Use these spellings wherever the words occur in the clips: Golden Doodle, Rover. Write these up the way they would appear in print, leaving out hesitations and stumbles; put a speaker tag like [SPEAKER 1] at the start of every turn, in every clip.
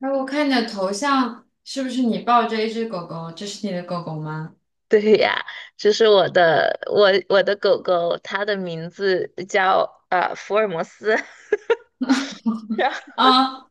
[SPEAKER 1] 哎，我看你的头像是不是你抱着一只狗狗？这是你的狗狗吗？
[SPEAKER 2] 对呀，就是我的狗狗，它的名字叫福尔摩斯，然后
[SPEAKER 1] 啊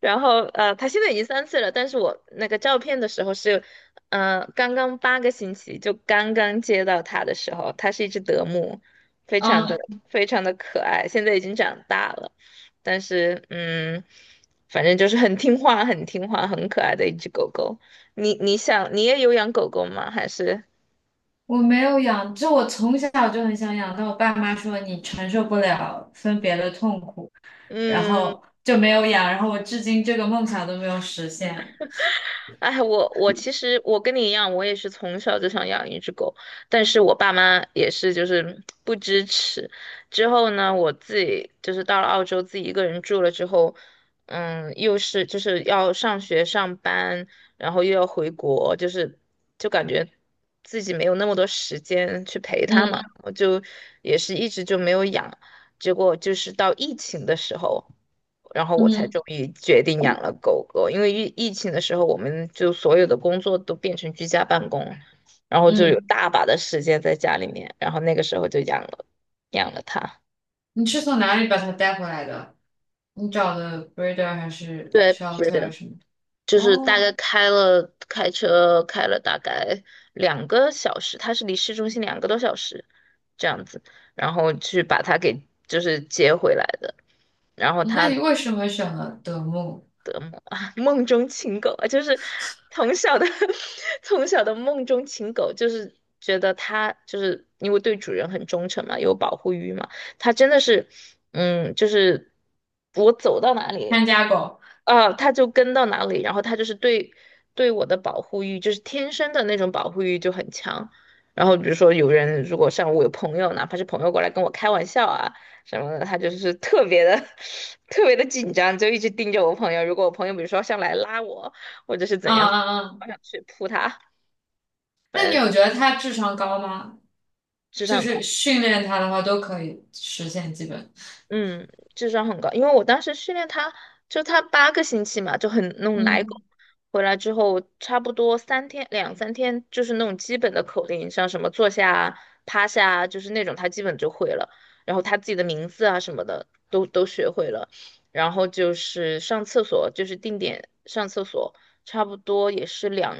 [SPEAKER 2] 然后它现在已经3岁了，但是我那个照片的时候是，刚刚八个星期就刚刚接到它的时候，它是一只德牧，非常的
[SPEAKER 1] 啊，
[SPEAKER 2] 非常的可爱，现在已经长大了，但是反正就是很听话很可爱的一只狗狗。你想你也有养狗狗吗？还是
[SPEAKER 1] 我没有养，这我从小就很想养，但我爸妈说你承受不了分别的痛苦，然
[SPEAKER 2] 嗯？
[SPEAKER 1] 后就没有养，然后我至今这个梦想都没有实现。
[SPEAKER 2] 哎，我其实我跟你一样，我也是从小就想养一只狗，但是我爸妈也是就是不支持。之后呢，我自己就是到了澳洲自己一个人住了之后，嗯，又是就是要上学上班，然后又要回国，就感觉自己没有那么多时间去陪它嘛，
[SPEAKER 1] 嗯
[SPEAKER 2] 我就也是一直就没有养。结果就是到疫情的时候。然后我才
[SPEAKER 1] 嗯
[SPEAKER 2] 终于决定养了狗狗。因为疫情的时候，我们就所有的工作都变成居家办公了，然后就有
[SPEAKER 1] 嗯，
[SPEAKER 2] 大把的时间在家里面，然后那个时候就养了它。
[SPEAKER 1] 你是从哪里把它带回来的？你找的 breeder 还是
[SPEAKER 2] 对，是
[SPEAKER 1] shelter
[SPEAKER 2] 的，
[SPEAKER 1] 什么的？
[SPEAKER 2] 就是大
[SPEAKER 1] 哦，
[SPEAKER 2] 概开车开了大概2个小时，它是离市中心2个多小时这样子，然后去把它给就是接回来的。然后
[SPEAKER 1] 那
[SPEAKER 2] 它
[SPEAKER 1] 你为什么选了德牧
[SPEAKER 2] 的梦啊，梦中情狗啊，就是从小的 从小的梦中情狗，就是觉得它就是因为对主人很忠诚嘛，有保护欲嘛，它真的是，嗯，就是我走到哪里。
[SPEAKER 1] 看家狗？
[SPEAKER 2] 啊，他就跟到哪里，然后他就是对我的保护欲，就是天生的那种保护欲就很强。然后比如说有人如果像我有朋友，哪怕是朋友过来跟我开玩笑啊什么的，他就是特别的 特别的紧张，就一直盯着我朋友。如果我朋友比如说上来拉我，或者是怎
[SPEAKER 1] 啊
[SPEAKER 2] 样，
[SPEAKER 1] 啊啊！
[SPEAKER 2] 我想去扑他，反
[SPEAKER 1] 那你
[SPEAKER 2] 正
[SPEAKER 1] 有觉得他智商高吗？
[SPEAKER 2] 智商
[SPEAKER 1] 就
[SPEAKER 2] 很
[SPEAKER 1] 是
[SPEAKER 2] 高。
[SPEAKER 1] 训练他的话都可以实现基本。
[SPEAKER 2] 嗯，智商很高，因为我当时训练它，就它八个星期嘛，就很那种奶狗，
[SPEAKER 1] 嗯，
[SPEAKER 2] 回来之后差不多3天2、3天，就是那种基本的口令，像什么坐下啊、趴下啊，就是那种它基本就会了，然后它自己的名字啊什么的都学会了，然后就是上厕所，就是定点上厕所，差不多也是两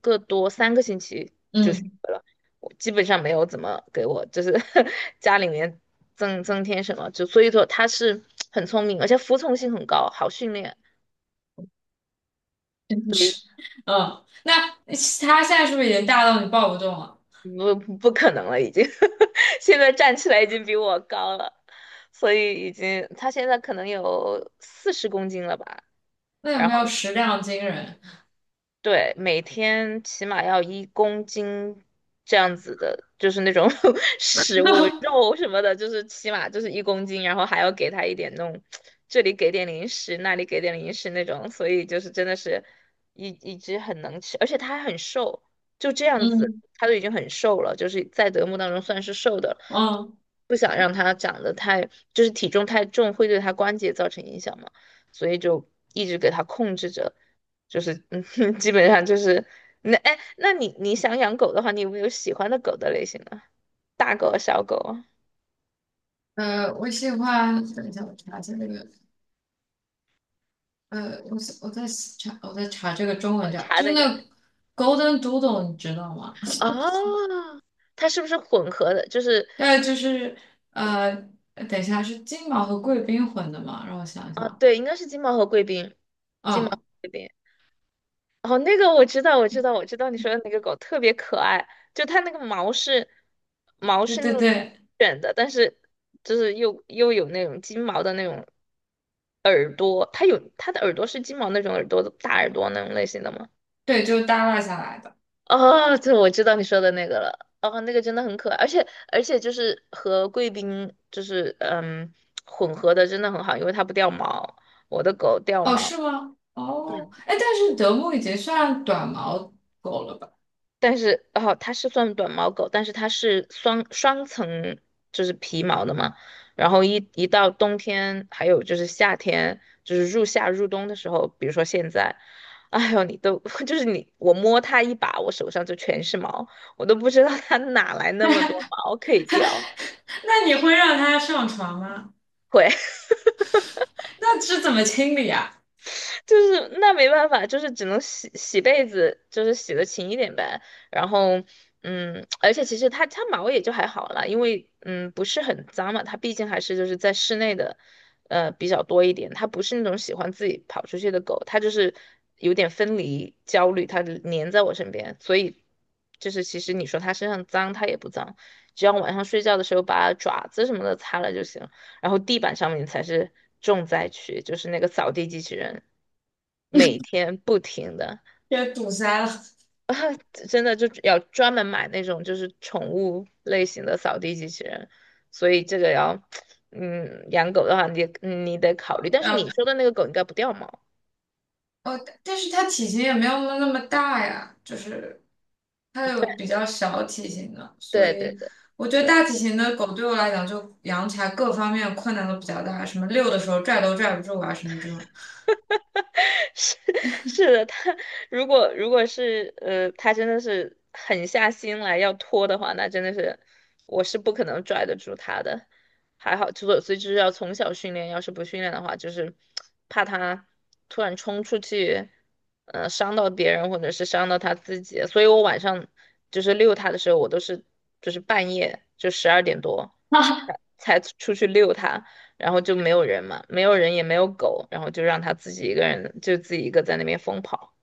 [SPEAKER 2] 个多三个星期。就学
[SPEAKER 1] 嗯，
[SPEAKER 2] 了。我基本上没有怎么给我就是 家里面增添什么，就所以说他是很聪明，而且服从性很高，好训练，所以
[SPEAKER 1] 是。嗯。那他现在是不是已经大到你抱不动了？
[SPEAKER 2] 不可能了，已经 现在站起来已经比我高了，所以已经他现在可能有40公斤了吧。
[SPEAKER 1] 那有
[SPEAKER 2] 然
[SPEAKER 1] 没有食量惊人？
[SPEAKER 2] 对，每天起码要一公斤这样子的，就是那种 食物、肉什么的，就是起码就是一公斤，然后还要给他一点那种，这里给点零食，那里给点零食那种，所以就是真的是一只很能吃，而且它还很瘦，就这样子，
[SPEAKER 1] 嗯
[SPEAKER 2] 它都已经很瘦了，就是在德牧当中算是瘦的了，
[SPEAKER 1] 嗯
[SPEAKER 2] 不想让它长得太，就是体重太重会对它关节造成影响嘛，所以就一直给它控制着。就是基本上就是那哎，那你你想养狗的话，你有没有喜欢的狗的类型呢？大狗啊小狗啊，
[SPEAKER 1] 呃，我喜欢，等一下我查一下这个，呃，我在查这个中文叫，
[SPEAKER 2] 它
[SPEAKER 1] 就是
[SPEAKER 2] 那
[SPEAKER 1] 那
[SPEAKER 2] 个
[SPEAKER 1] 个 Golden Doodle，你知道吗？
[SPEAKER 2] 哦，它是不是混合的？就是
[SPEAKER 1] 对，就是呃，等一下是金毛和贵宾混的嘛，让我想
[SPEAKER 2] 啊，
[SPEAKER 1] 想，
[SPEAKER 2] 对，应该是金毛和贵宾，金毛和
[SPEAKER 1] 嗯，
[SPEAKER 2] 贵宾。哦，那个我知道，我知道，我知道你说的那个狗特别可爱，就它那个毛
[SPEAKER 1] 对
[SPEAKER 2] 是那
[SPEAKER 1] 对
[SPEAKER 2] 种
[SPEAKER 1] 对。
[SPEAKER 2] 卷的，但是就是又有那种金毛的那种耳朵，它有它的耳朵是金毛那种耳朵，大耳朵那种类型的吗？
[SPEAKER 1] 对，就是耷拉下来的。
[SPEAKER 2] 哦，对，我知道你说的那个了。哦，那个真的很可爱，而且就是和贵宾就是混合的真的很好，因为它不掉毛。我的狗掉
[SPEAKER 1] 哦，
[SPEAKER 2] 毛，
[SPEAKER 1] 是吗？哦，
[SPEAKER 2] 嗯，
[SPEAKER 1] 哎，但是德牧已经算短毛狗了吧？
[SPEAKER 2] 但是哦，它是算短毛狗，但是它是双层，就是皮毛的嘛。然后一到冬天，还有就是夏天，就是入夏入冬的时候，比如说现在，哎呦，你都 就是你，我摸它一把，我手上就全是毛，我都不知道它哪来那么多毛可以掉。
[SPEAKER 1] 那你会让它上床吗？
[SPEAKER 2] 会，
[SPEAKER 1] 那是怎么清理啊？
[SPEAKER 2] 就是那没办法，就是只能洗洗被子，就是洗的勤一点呗。然后，嗯，而且其实它毛也就还好啦，因为不是很脏嘛，它毕竟还是就是在室内的，比较多一点。它不是那种喜欢自己跑出去的狗，它就是有点分离焦虑，它就粘在我身边，所以就是其实你说它身上脏，它也不脏，只要晚上睡觉的时候把爪子什么的擦了就行。然后地板上面才是重灾区，就是那个扫地机器人，每天不停的，
[SPEAKER 1] 也堵塞了。
[SPEAKER 2] 真的就要专门买那种就是宠物类型的扫地机器人，所以这个要，嗯，养狗的话你得考虑，但是
[SPEAKER 1] 呃，
[SPEAKER 2] 你
[SPEAKER 1] 哦，
[SPEAKER 2] 说的那个狗应该不掉毛，
[SPEAKER 1] 但是它体型也没有那么大呀，就是它有比较小体型的，所
[SPEAKER 2] 对对
[SPEAKER 1] 以
[SPEAKER 2] 对。
[SPEAKER 1] 我觉得大体型的狗对我来讲就养起来各方面困难都比较大，什么遛的时候拽都拽不住啊，什么这种。
[SPEAKER 2] 是，是的，他如果是他真的是狠下心来要拖的话，那真的是我是不可能拽得住他的。还好，所以就是要从小训练，要是不训练的话，就是怕他突然冲出去，呃，伤到别人或者是伤到他自己。所以我晚上就是遛他的时候，我都是就是半夜就12点多才出去遛他。然后就没有人嘛，没有人也没有狗，然后就让它自己一个人，就自己一个在那边疯跑。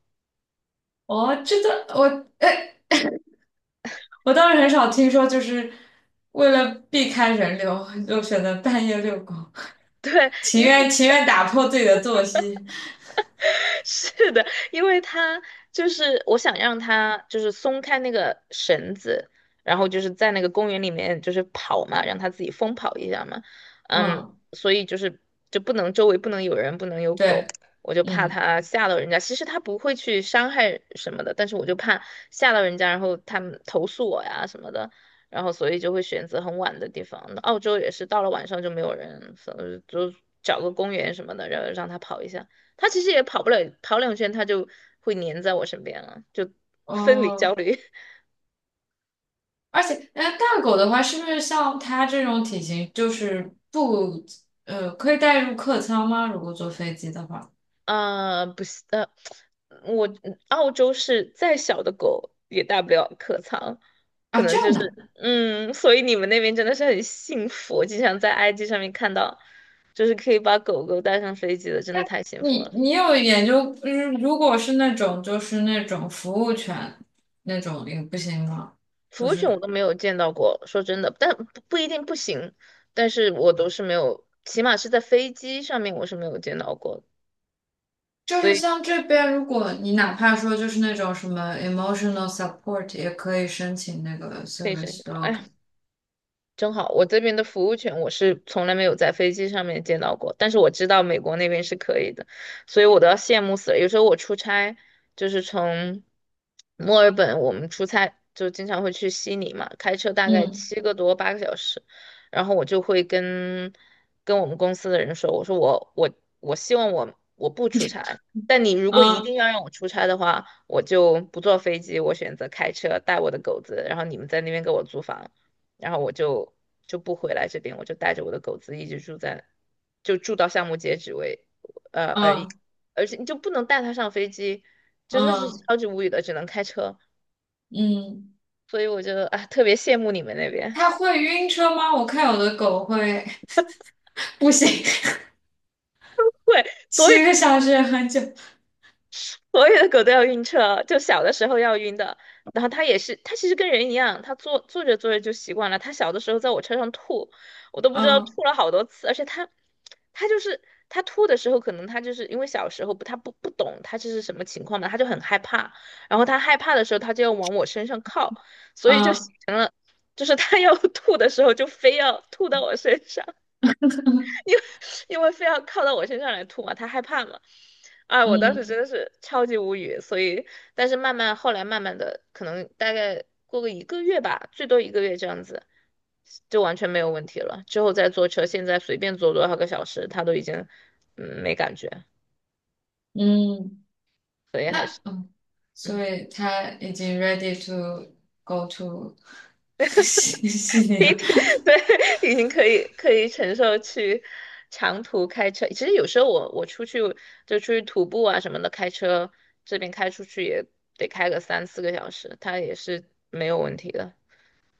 [SPEAKER 1] 哦，这个我 我倒是很少听说，就是为了避开人流，就选择半夜遛狗，情
[SPEAKER 2] 因
[SPEAKER 1] 愿
[SPEAKER 2] 为。
[SPEAKER 1] 情愿打破自己的作息。
[SPEAKER 2] 是的，因为他就是我想让他就是松开那个绳子，然后就是在那个公园里面就是跑嘛，让他自己疯跑一下嘛。嗯，
[SPEAKER 1] 嗯，
[SPEAKER 2] 所以就是就不能周围不能有人，不能有狗，
[SPEAKER 1] 对。
[SPEAKER 2] 我就怕
[SPEAKER 1] 嗯，
[SPEAKER 2] 他吓到人家。其实他不会去伤害什么的，但是我就怕吓到人家，然后他们投诉我呀什么的，然后所以就会选择很晚的地方。澳洲也是到了晚上就没有人，所以就找个公园什么的，然后让他跑一下。它其实也跑不了跑两圈，它就会黏在我身边了，就分离焦
[SPEAKER 1] 哦，
[SPEAKER 2] 虑。
[SPEAKER 1] 而且，哎，大狗的话，是不是像它这种体型，就是不，呃，可以带入客舱吗？如果坐飞机的话，
[SPEAKER 2] 不行我澳洲是再小的狗也带不了客舱，
[SPEAKER 1] 啊，这样的，
[SPEAKER 2] 嗯，所以你们那边真的是很幸福，我经常在 IG 上面看到，就是可以把狗狗带上飞机的，真的太幸福
[SPEAKER 1] 你
[SPEAKER 2] 了。
[SPEAKER 1] 有研究，嗯，如果是那种服务犬那种也不行吗？
[SPEAKER 2] 服
[SPEAKER 1] 就
[SPEAKER 2] 务犬我
[SPEAKER 1] 是。
[SPEAKER 2] 都没有见到过，说真的，但不一定不行，但是我都是没有，起码是在飞机上面我是没有见到过的，
[SPEAKER 1] 就
[SPEAKER 2] 所
[SPEAKER 1] 是
[SPEAKER 2] 以
[SPEAKER 1] 像这边，如果你哪怕说就是那种什么 emotional support，也可以申请那个
[SPEAKER 2] 可以申
[SPEAKER 1] service
[SPEAKER 2] 请。
[SPEAKER 1] dog。
[SPEAKER 2] 哎正好，我这边的服务权我是从来没有在飞机上面见到过，但是我知道美国那边是可以的，所以我都要羡慕死了。有时候我出差就是从墨尔本，我们出差就经常会去悉尼嘛，开车大概
[SPEAKER 1] 嗯
[SPEAKER 2] 7个多8个小时，然后我就会跟我们公司的人说，我说我希望我不出差，但你如果一
[SPEAKER 1] 嗯
[SPEAKER 2] 定要让我出差的话，我就不坐飞机，我选择开车带我的狗子，然后你们在那边给我租房。然后我就不回来这边，我就带着我的狗子一直住在，就住到项目截止为，而已，
[SPEAKER 1] 嗯
[SPEAKER 2] 而且你就不能带它上飞机，真的是
[SPEAKER 1] 嗯
[SPEAKER 2] 超级无语的，只能开车，
[SPEAKER 1] 嗯，
[SPEAKER 2] 所以我觉得啊特别羡慕你们那边，
[SPEAKER 1] 它会晕车吗？我看有的狗会，不行，
[SPEAKER 2] 对，所以。
[SPEAKER 1] 7个小时也很久。
[SPEAKER 2] 所有的狗都要晕车，就小的时候要晕的。然后它也是，它其实跟人一样，它坐着坐着就习惯了。它小的时候在我车上吐，我都不知道
[SPEAKER 1] 嗯
[SPEAKER 2] 吐了好多次。而且它，它就是它吐的时候，可能它就是因为小时候不，它不懂它这是什么情况嘛，它就很害怕。然后它害怕的时候，它就要往我身上靠，所以就形
[SPEAKER 1] 嗯
[SPEAKER 2] 成了，就是它要 吐的时候就非要吐到我身上。因 为因为非要靠到我身上来吐嘛，他害怕嘛。啊，我当时
[SPEAKER 1] 嗯
[SPEAKER 2] 真的是超级无语，所以，但是慢慢后来慢慢的，可能大概过个一个月吧，最多一个月这样子，就完全没有问题了。之后再坐车，现在随便坐多少个小时，他都已经没感觉，
[SPEAKER 1] 嗯
[SPEAKER 2] 所以还是
[SPEAKER 1] 嗯，
[SPEAKER 2] 嗯。
[SPEAKER 1] 所以它已经 ready to go to 悉西尼
[SPEAKER 2] 一
[SPEAKER 1] 了。
[SPEAKER 2] 天，对，已经可以承受去长途开车。其实有时候我出去就出去徒步啊什么的，开车这边开出去也得开个3、4个小时，它也是没有问题的。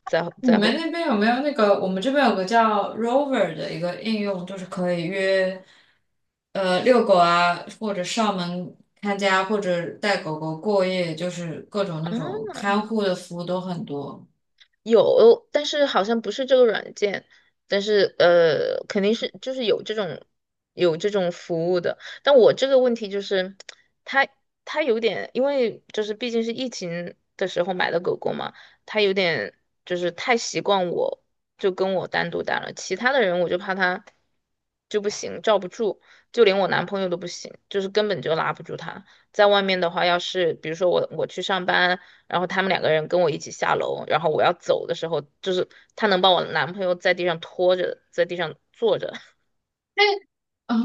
[SPEAKER 2] 在
[SPEAKER 1] 你
[SPEAKER 2] 在后。
[SPEAKER 1] 们那边有没有那个？我们这边有个叫 Rover 的一个应用，就是可以约，呃，遛狗啊，或者上门看家，或者带狗狗过夜，就是各种那种看护的服务都很多。
[SPEAKER 2] 有，但是好像不是这个软件，但是肯定是就是有这种有这种服务的。但我这个问题就是，它它有点，因为就是毕竟是疫情的时候买的狗狗嘛，它有点就是太习惯我，就跟我单独待了，其他的人我就怕它就不行，罩不住，就连我男朋友都不行，就是根本就拉不住它。在外面的话，要是比如说我去上班。然后他们两个人跟我一起下楼，然后我要走的时候，就是他能把我男朋友在地上拖着，在地上坐着，
[SPEAKER 1] 嗯，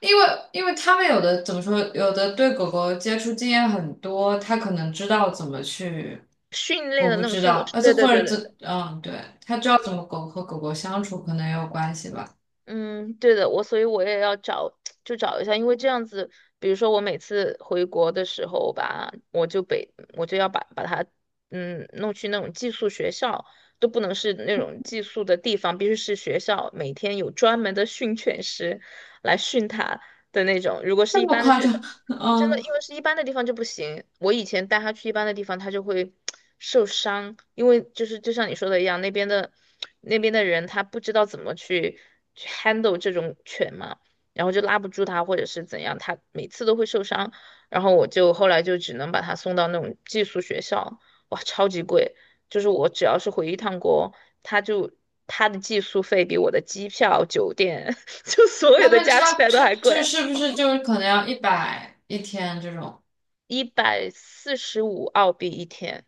[SPEAKER 1] 因为因为他们有的怎么说，有的对狗狗接触经验很多，他可能知道怎么去，
[SPEAKER 2] 训练
[SPEAKER 1] 我
[SPEAKER 2] 的
[SPEAKER 1] 不
[SPEAKER 2] 那种
[SPEAKER 1] 知
[SPEAKER 2] 训狗
[SPEAKER 1] 道，
[SPEAKER 2] 式。
[SPEAKER 1] 而且
[SPEAKER 2] 对对
[SPEAKER 1] 或
[SPEAKER 2] 对
[SPEAKER 1] 者
[SPEAKER 2] 对对，
[SPEAKER 1] 怎，嗯，对，他知道怎么狗和狗狗相处，可能也有关系吧。
[SPEAKER 2] 嗯，对的，所以我也要找，就找一下，因为这样子，比如说我每次回国的时候吧，我就要把他弄去那种寄宿学校。都不能是那种寄宿的地方，必须是学校，每天有专门的训犬师来训它的那种。如果是
[SPEAKER 1] 这
[SPEAKER 2] 一
[SPEAKER 1] 么
[SPEAKER 2] 般的
[SPEAKER 1] 夸
[SPEAKER 2] 学，
[SPEAKER 1] 张？
[SPEAKER 2] 真的，
[SPEAKER 1] 嗯。
[SPEAKER 2] 因为是一般的地方就不行。我以前带它去一般的地方，它就会 受伤，因为就是就像你说的一样，那边的人他不知道怎么去handle 这种犬嘛，然后就拉不住它或者是怎样，它每次都会受伤。然后我就后来就只能把它送到那种寄宿学校，哇，超级贵。就是我只要是回一趟国，它就它的寄宿费比我的机票、酒店，就所有
[SPEAKER 1] 他
[SPEAKER 2] 的
[SPEAKER 1] 们
[SPEAKER 2] 加起
[SPEAKER 1] 差不
[SPEAKER 2] 来都
[SPEAKER 1] 差，
[SPEAKER 2] 还
[SPEAKER 1] 就
[SPEAKER 2] 贵。
[SPEAKER 1] 是不是就是可能要100一天这种？
[SPEAKER 2] 145澳币一天，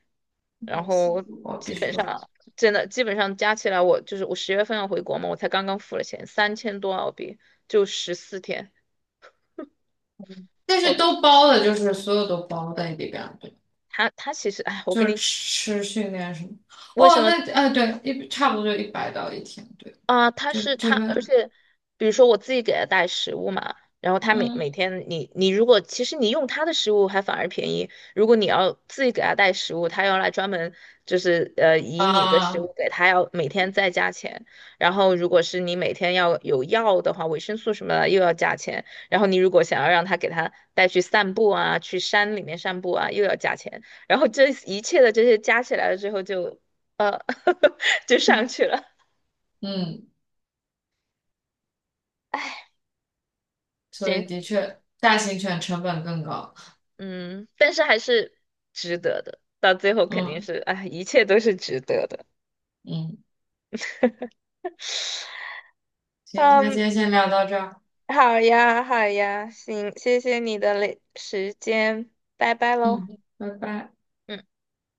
[SPEAKER 1] 一
[SPEAKER 2] 然
[SPEAKER 1] 百四十
[SPEAKER 2] 后
[SPEAKER 1] 五，
[SPEAKER 2] 基
[SPEAKER 1] 必须
[SPEAKER 2] 本
[SPEAKER 1] 多。
[SPEAKER 2] 上真的基本上加起来我，就是我10月份要回国嘛，我才刚刚付了钱，3000多澳币就14天。
[SPEAKER 1] 但是
[SPEAKER 2] 我
[SPEAKER 1] 都包的，就是所有都包在里边，对，
[SPEAKER 2] 他其实哎，我
[SPEAKER 1] 就
[SPEAKER 2] 跟
[SPEAKER 1] 是
[SPEAKER 2] 你
[SPEAKER 1] 吃训练什么。
[SPEAKER 2] 为什
[SPEAKER 1] 哦，
[SPEAKER 2] 么
[SPEAKER 1] 那呃，对，一差不多就100到一天，对，
[SPEAKER 2] 啊，他
[SPEAKER 1] 这
[SPEAKER 2] 是
[SPEAKER 1] 这
[SPEAKER 2] 他，而
[SPEAKER 1] 边，
[SPEAKER 2] 且比如说我自己给他带食物嘛，然后他每
[SPEAKER 1] 嗯
[SPEAKER 2] 天你如果其实你用他的食物还反而便宜，如果你要自己给他带食物，他要来专门就是以你的食
[SPEAKER 1] 啊，
[SPEAKER 2] 物给他要每天再加钱，然后如果是你每天要有药的话，维生素什么的又要加钱，然后你如果想要让他给他带去散步啊，去山里面散步啊，又要加钱，然后这一切的这些加起来了之后就呃 就上去了。
[SPEAKER 1] 嗯。
[SPEAKER 2] 哎，
[SPEAKER 1] 所
[SPEAKER 2] 行，
[SPEAKER 1] 以的确，大型犬成本更高。
[SPEAKER 2] 嗯，但是还是值得的，到最后肯定
[SPEAKER 1] 嗯。
[SPEAKER 2] 是，哎，一切都是值得的。
[SPEAKER 1] 嗯，行，那
[SPEAKER 2] 嗯，
[SPEAKER 1] 今天先聊到这儿，
[SPEAKER 2] 好呀，好呀，行，谢谢你的嘞时间，拜拜喽。
[SPEAKER 1] 嗯，拜拜。
[SPEAKER 2] 嗯。